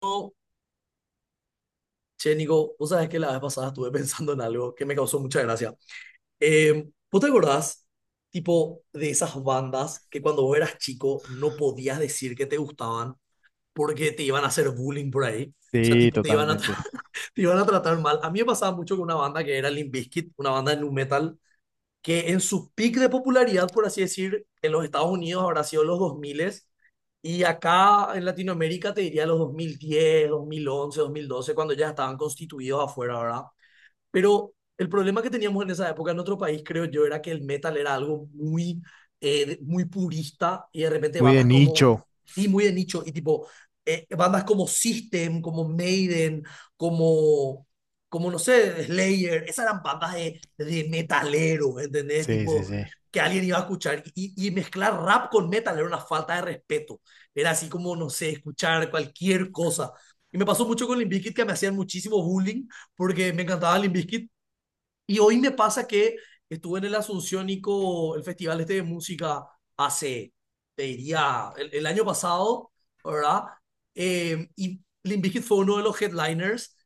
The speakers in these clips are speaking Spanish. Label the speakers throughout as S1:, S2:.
S1: Che, Nico, vos sabés que la vez pasada estuve pensando en algo que me causó mucha gracia. ¿Vos te acordás, tipo, de esas bandas que cuando vos eras chico no podías decir que te gustaban porque te iban a hacer bullying por ahí? O sea,
S2: Sí,
S1: tipo, te iban a, tra-
S2: totalmente.
S1: te iban a tratar mal. A mí me pasaba mucho con una banda que era Limp Bizkit, una banda de nu metal que en su pic de popularidad, por así decir, en los Estados Unidos habrá sido los 2000, y acá en Latinoamérica te diría los dos mil diez, 2011, 2012, cuando ya estaban constituidos afuera, ¿verdad? Pero el problema que teníamos en esa época en otro país, creo yo, era que el metal era algo muy, muy purista, y de repente
S2: Muy de
S1: bandas como,
S2: nicho.
S1: sí, muy de nicho y tipo, bandas como System, como Maiden, como, como, no sé, Slayer, esas eran bandas de metaleros, ¿entendés?
S2: Sí, sí,
S1: Tipo,
S2: sí.
S1: que alguien iba a escuchar. Y mezclar rap con metal era una falta de respeto. Era así como, no sé, escuchar cualquier cosa. Y me pasó mucho con Limp Bizkit, que me hacían muchísimo bullying porque me encantaba Limp Bizkit. Y hoy me pasa que estuve en el Asunciónico, el festival este de música, hace, te diría, el año pasado, ¿verdad? Y Limp Bizkit fue uno de los headliners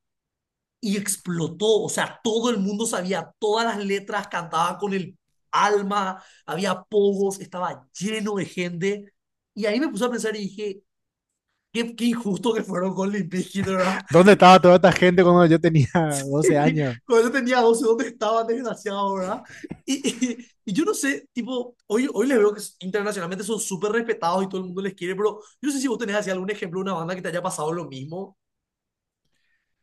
S1: y explotó. O sea, todo el mundo sabía todas las letras, cantaba con el alma, había pogos, estaba lleno de gente. Y ahí me puse a pensar y dije, qué, injusto que fueron con Limp Bizkit, ¿verdad?
S2: ¿Dónde estaba toda esta gente cuando yo tenía 12
S1: Sí.
S2: años?
S1: Cuando yo tenía 12, ¿dónde estaba, desgraciado? ¿Verdad? Y yo no sé, tipo, hoy les veo que internacionalmente son súper respetados y todo el mundo les quiere, pero yo no sé si vos tenés así algún ejemplo de una banda que te haya pasado lo mismo.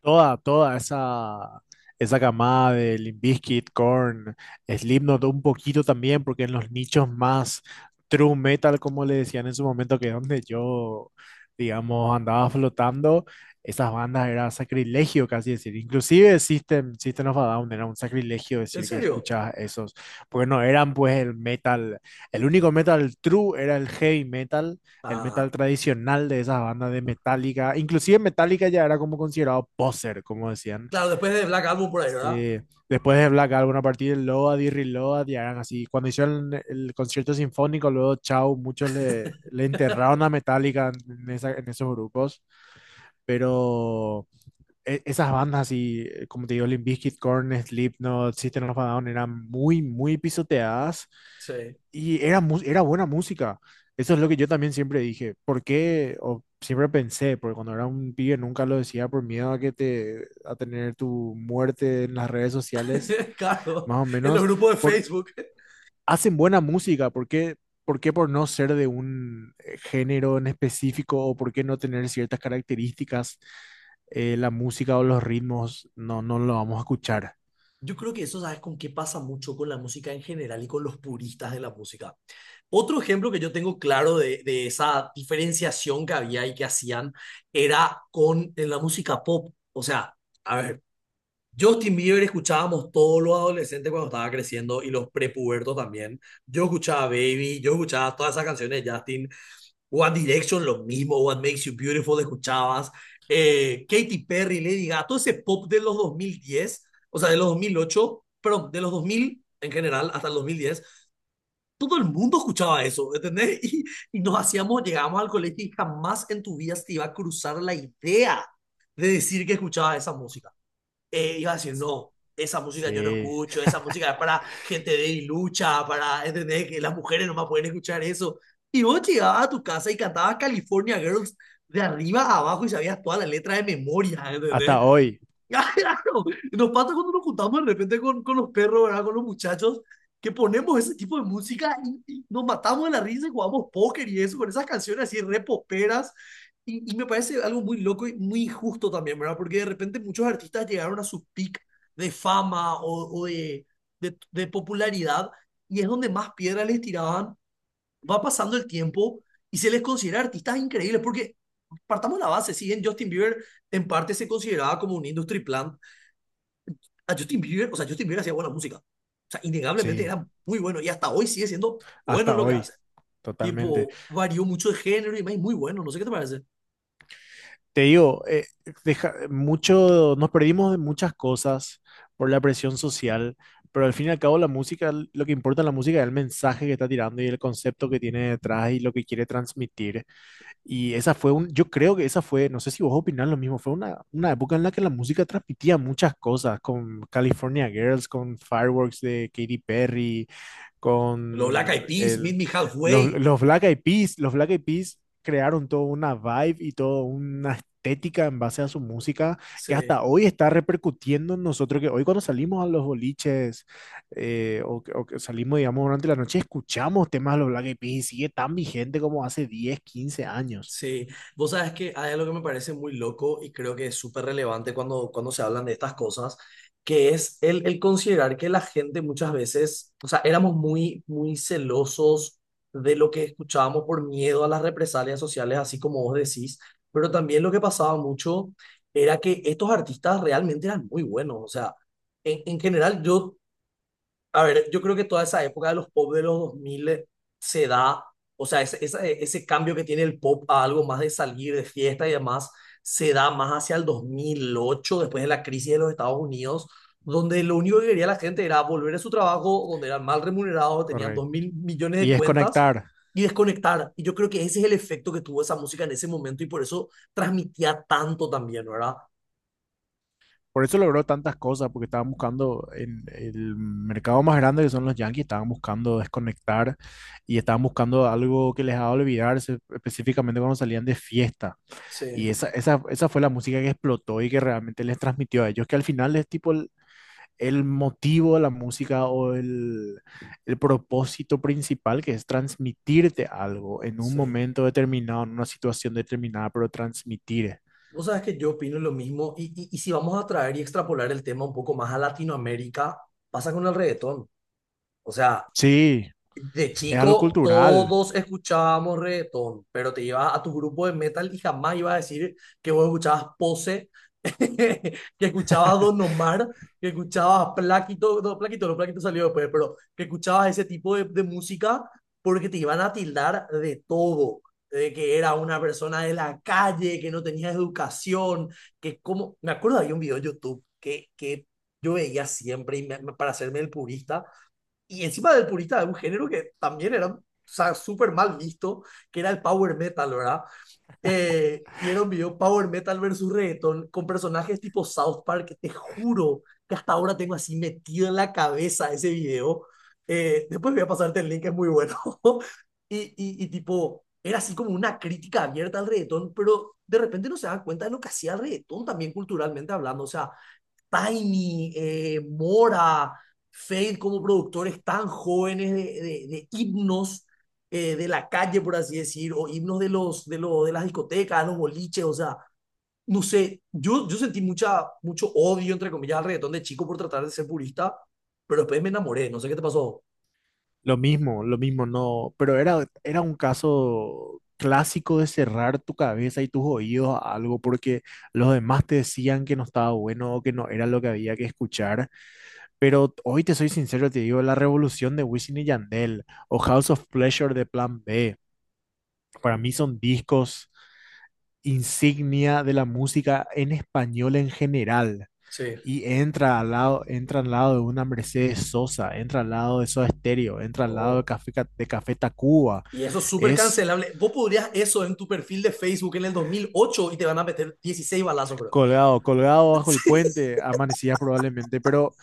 S2: Toda esa camada de Limp Bizkit, Korn, Slipknot, un poquito también, porque en los nichos más true metal, como le decían en su momento, que es donde yo, digamos, andaba flotando, esas bandas era sacrilegio casi decir. Inclusive System of a Down era un sacrilegio
S1: ¿En
S2: decir que
S1: serio?
S2: escuchabas esos, porque no eran pues el metal, el único metal true era el heavy metal, el
S1: Ah,
S2: metal tradicional de esas bandas de Metallica. Inclusive Metallica ya era como considerado poser, como decían.
S1: claro, después de Black Album por ahí, ¿verdad?
S2: Eh, después de Black Album, a partir de Load y Reload, ya eran así. Cuando hicieron el concierto sinfónico, luego Chau, muchos le enterraron a Metallica en, en esos grupos. Pero esas bandas así, como te digo, Limp Bizkit, Korn, Slipknot, System of a Down, eran muy pisoteadas
S1: Sí.
S2: y era, era buena música. Eso es lo que yo también siempre dije. ¿Por qué? O siempre pensé, porque cuando era un pibe nunca lo decía por miedo a que te, a tener tu muerte en las redes sociales,
S1: Claro,
S2: más o
S1: en los
S2: menos
S1: grupos de Facebook.
S2: hacen buena música, ¿por qué, por qué por no ser de un género en específico o por qué no tener ciertas características, la música o los ritmos no lo vamos a escuchar?
S1: Yo creo que eso, ¿sabes con qué pasa mucho? Con la música en general y con los puristas de la música. Otro ejemplo que yo tengo claro de esa diferenciación que había y que hacían era con en la música pop. O sea, a ver, Justin Bieber escuchábamos todos los adolescentes cuando estaba creciendo, y los prepubertos también. Yo escuchaba Baby, yo escuchaba todas esas canciones de Justin. One Direction, lo mismo. What Makes You Beautiful, escuchabas. Katy Perry, Lady Gaga, todo ese pop de los 2010, o sea, de los 2008, perdón, de los 2000 en general hasta el 2010, todo el mundo escuchaba eso, ¿entendés? Y, y nos hacíamos, llegábamos al colegio y jamás en tu vida se te iba a cruzar la idea de decir que escuchaba esa música. Iba a decir, no, esa música yo no
S2: Sí,
S1: escucho, esa música es para gente de lucha, para, ¿entendés? Que las mujeres no más pueden escuchar eso. Y vos llegabas a tu casa y cantabas California Girls de arriba a abajo y sabías toda la letra de memoria, ¿entendés?
S2: hasta hoy,
S1: Ah, claro, nos pasa cuando nos juntamos de repente con los perros, ¿verdad? Con los muchachos, que ponemos ese tipo de música y, nos matamos de la risa y jugamos póker y eso, con esas canciones así re poperas. y me parece algo muy loco y muy injusto también, ¿verdad? Porque de repente muchos artistas llegaron a su peak de fama o de, de popularidad, y es donde más piedras les tiraban. Va pasando el tiempo y se les considera artistas increíbles, porque partamos la base, si bien Justin Bieber en parte se consideraba como un industry plant, a Justin Bieber, o sea, Justin Bieber hacía buena música. O sea, innegablemente
S2: sí,
S1: era muy bueno, y hasta hoy sigue siendo bueno en
S2: hasta
S1: lo que
S2: hoy,
S1: hace.
S2: totalmente.
S1: Tipo, varió mucho de género y es muy bueno, no sé qué te parece.
S2: Te digo, mucho, nos perdimos de muchas cosas por la presión social, pero al fin y al cabo la música, lo que importa en la música es el mensaje que está tirando y el concepto que tiene detrás y lo que quiere transmitir. Y esa fue un, yo creo que esa fue, no sé si vos opinás lo mismo, fue una época en la que la música transmitía muchas cosas, con California Girls, con Fireworks de Katy Perry,
S1: Los Black Eyed
S2: con
S1: Peas, Meet
S2: el,
S1: Me Halfway,
S2: los Black Eyed Peas, los Black Eyed Peas crearon toda una vibe y toda una estética en base a su música que
S1: sí.
S2: hasta hoy está repercutiendo en nosotros, que hoy cuando salimos a los boliches o, o que salimos, digamos, durante la noche, escuchamos temas de los Black Eyed Peas y sigue tan vigente como hace 10 o 15 años.
S1: Sí, vos sabes que hay algo que me parece muy loco y creo que es súper relevante cuando, se hablan de estas cosas, que es el considerar que la gente muchas veces, o sea, éramos muy, muy celosos de lo que escuchábamos por miedo a las represalias sociales, así como vos decís, pero también lo que pasaba mucho era que estos artistas realmente eran muy buenos, o sea, en general yo, a ver, yo creo que toda esa época de los pop de los 2000 se da, o sea, ese, ese cambio que tiene el pop a algo más de salir de fiesta y demás, se da más hacia el 2008, después de la crisis de los Estados Unidos, donde lo único que quería la gente era volver a su trabajo, donde eran mal remunerados, tenían dos
S2: Correcto.
S1: mil millones de
S2: Y es
S1: cuentas
S2: conectar.
S1: y desconectar. Y yo creo que ese es el efecto que tuvo esa música en ese momento y por eso transmitía tanto también, ¿verdad?
S2: Por eso logró tantas cosas, porque estaban buscando en el mercado más grande que son los Yankees, estaban buscando desconectar y estaban buscando algo que les haga olvidarse, específicamente cuando salían de fiesta. Y
S1: Sí.
S2: esa fue la música que explotó y que realmente les transmitió a ellos, que al final es tipo el motivo de la música o el propósito principal, que es transmitirte algo en un
S1: Sí,
S2: momento determinado, en una situación determinada, pero transmitir.
S1: vos sabés que yo opino lo mismo, y, y si vamos a traer y extrapolar el tema un poco más a Latinoamérica, pasa con el reggaetón. O sea,
S2: Sí,
S1: de
S2: es algo
S1: chico,
S2: cultural,
S1: todos escuchábamos reggaetón, pero te llevas a tu grupo de metal y jamás ibas a decir que vos escuchabas Pose, que escuchabas Don Omar, que escuchabas Plaquito, no, Plaquito, no, Plaquito salió después, pero que escuchabas ese tipo de, música, porque te iban a tildar de todo, de que era una persona de la calle, que no tenía educación, que como, me acuerdo, había un video en YouTube que yo veía siempre y me- para hacerme el purista, y encima del purista de un género que también era, o sea, súper mal visto, que era el power metal, ¿verdad? Y era un video power metal versus reggaeton con personajes tipo South Park, que te juro que hasta ahora tengo así metido en la cabeza ese video. Después voy a pasarte el link, es muy bueno. Y tipo, era así como una crítica abierta al reggaetón, pero de repente no se dan cuenta de lo que hacía el reggaetón también culturalmente hablando. O sea, Tiny, Mora, Fade como productores tan jóvenes de, de himnos, de la calle, por así decir, o himnos de, los, de, los de las discotecas, de los boliches, o sea, no sé, yo, sentí mucha, mucho odio, entre comillas, al reggaetón de chico por tratar de ser purista, pero después me enamoré, no sé qué te pasó.
S2: lo mismo, no, pero era, era un caso clásico de cerrar tu cabeza y tus oídos a algo porque los demás te decían que no estaba bueno o que no era lo que había que escuchar, pero hoy te soy sincero, te digo, la revolución de Wisin y Yandel o House of Pleasure de Plan B, para mí son discos insignia de la música en español en general.
S1: Sí.
S2: Y entra al lado de una Mercedes Sosa, entra al lado de Soda Stereo, entra al lado de
S1: No.
S2: De Café Tacuba.
S1: Y eso es súper
S2: Es
S1: cancelable. Vos podrías eso en tu perfil de Facebook en el 2008 y te van a meter 16 balazos, bro.
S2: colgado, colgado bajo el
S1: Sí,
S2: puente, amanecía probablemente,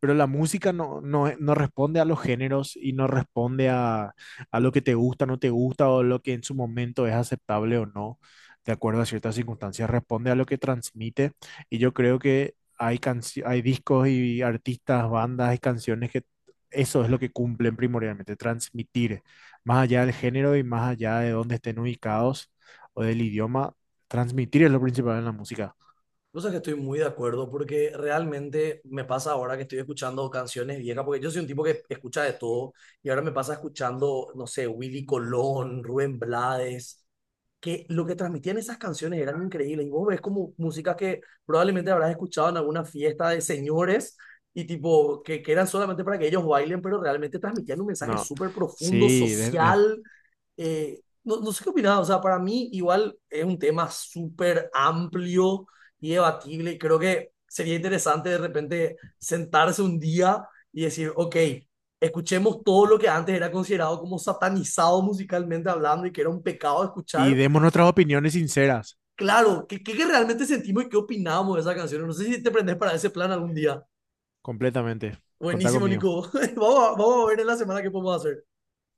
S2: pero la música no responde a los géneros y no responde a lo que te gusta, no te gusta o lo que en su momento es aceptable o no, de acuerdo a ciertas circunstancias, responde a lo que transmite y yo creo que hay, hay discos y artistas, bandas y canciones que eso es lo que cumplen primordialmente, transmitir más allá del género y más allá de dónde estén ubicados o del idioma, transmitir es lo principal en la música.
S1: vos sabés que estoy muy de acuerdo, porque realmente me pasa ahora que estoy escuchando canciones viejas, porque yo soy un tipo que escucha de todo, y ahora me pasa escuchando, no sé, Willy Colón, Rubén Blades, que lo que transmitían esas canciones eran increíbles. Y vos ves como música que probablemente habrás escuchado en alguna fiesta de señores y tipo que, eran solamente para que ellos bailen, pero realmente transmitían un mensaje
S2: No,
S1: súper profundo,
S2: sí,
S1: social. No, no sé qué opinás, o sea, para mí igual es un tema súper amplio y debatible, y creo que sería interesante de repente sentarse un día y decir, ok, escuchemos todo lo que antes era considerado como satanizado musicalmente hablando y que era un pecado
S2: y
S1: escuchar.
S2: demos nuestras opiniones sinceras.
S1: Claro, ¿qué, realmente sentimos y qué opinamos de esa canción? No sé si te prendes para ese plan algún día.
S2: Completamente. Contá
S1: Buenísimo,
S2: conmigo.
S1: Nico. Vamos a ver en la semana qué podemos hacer.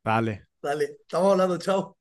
S2: Dale.
S1: Dale, estamos hablando, chao.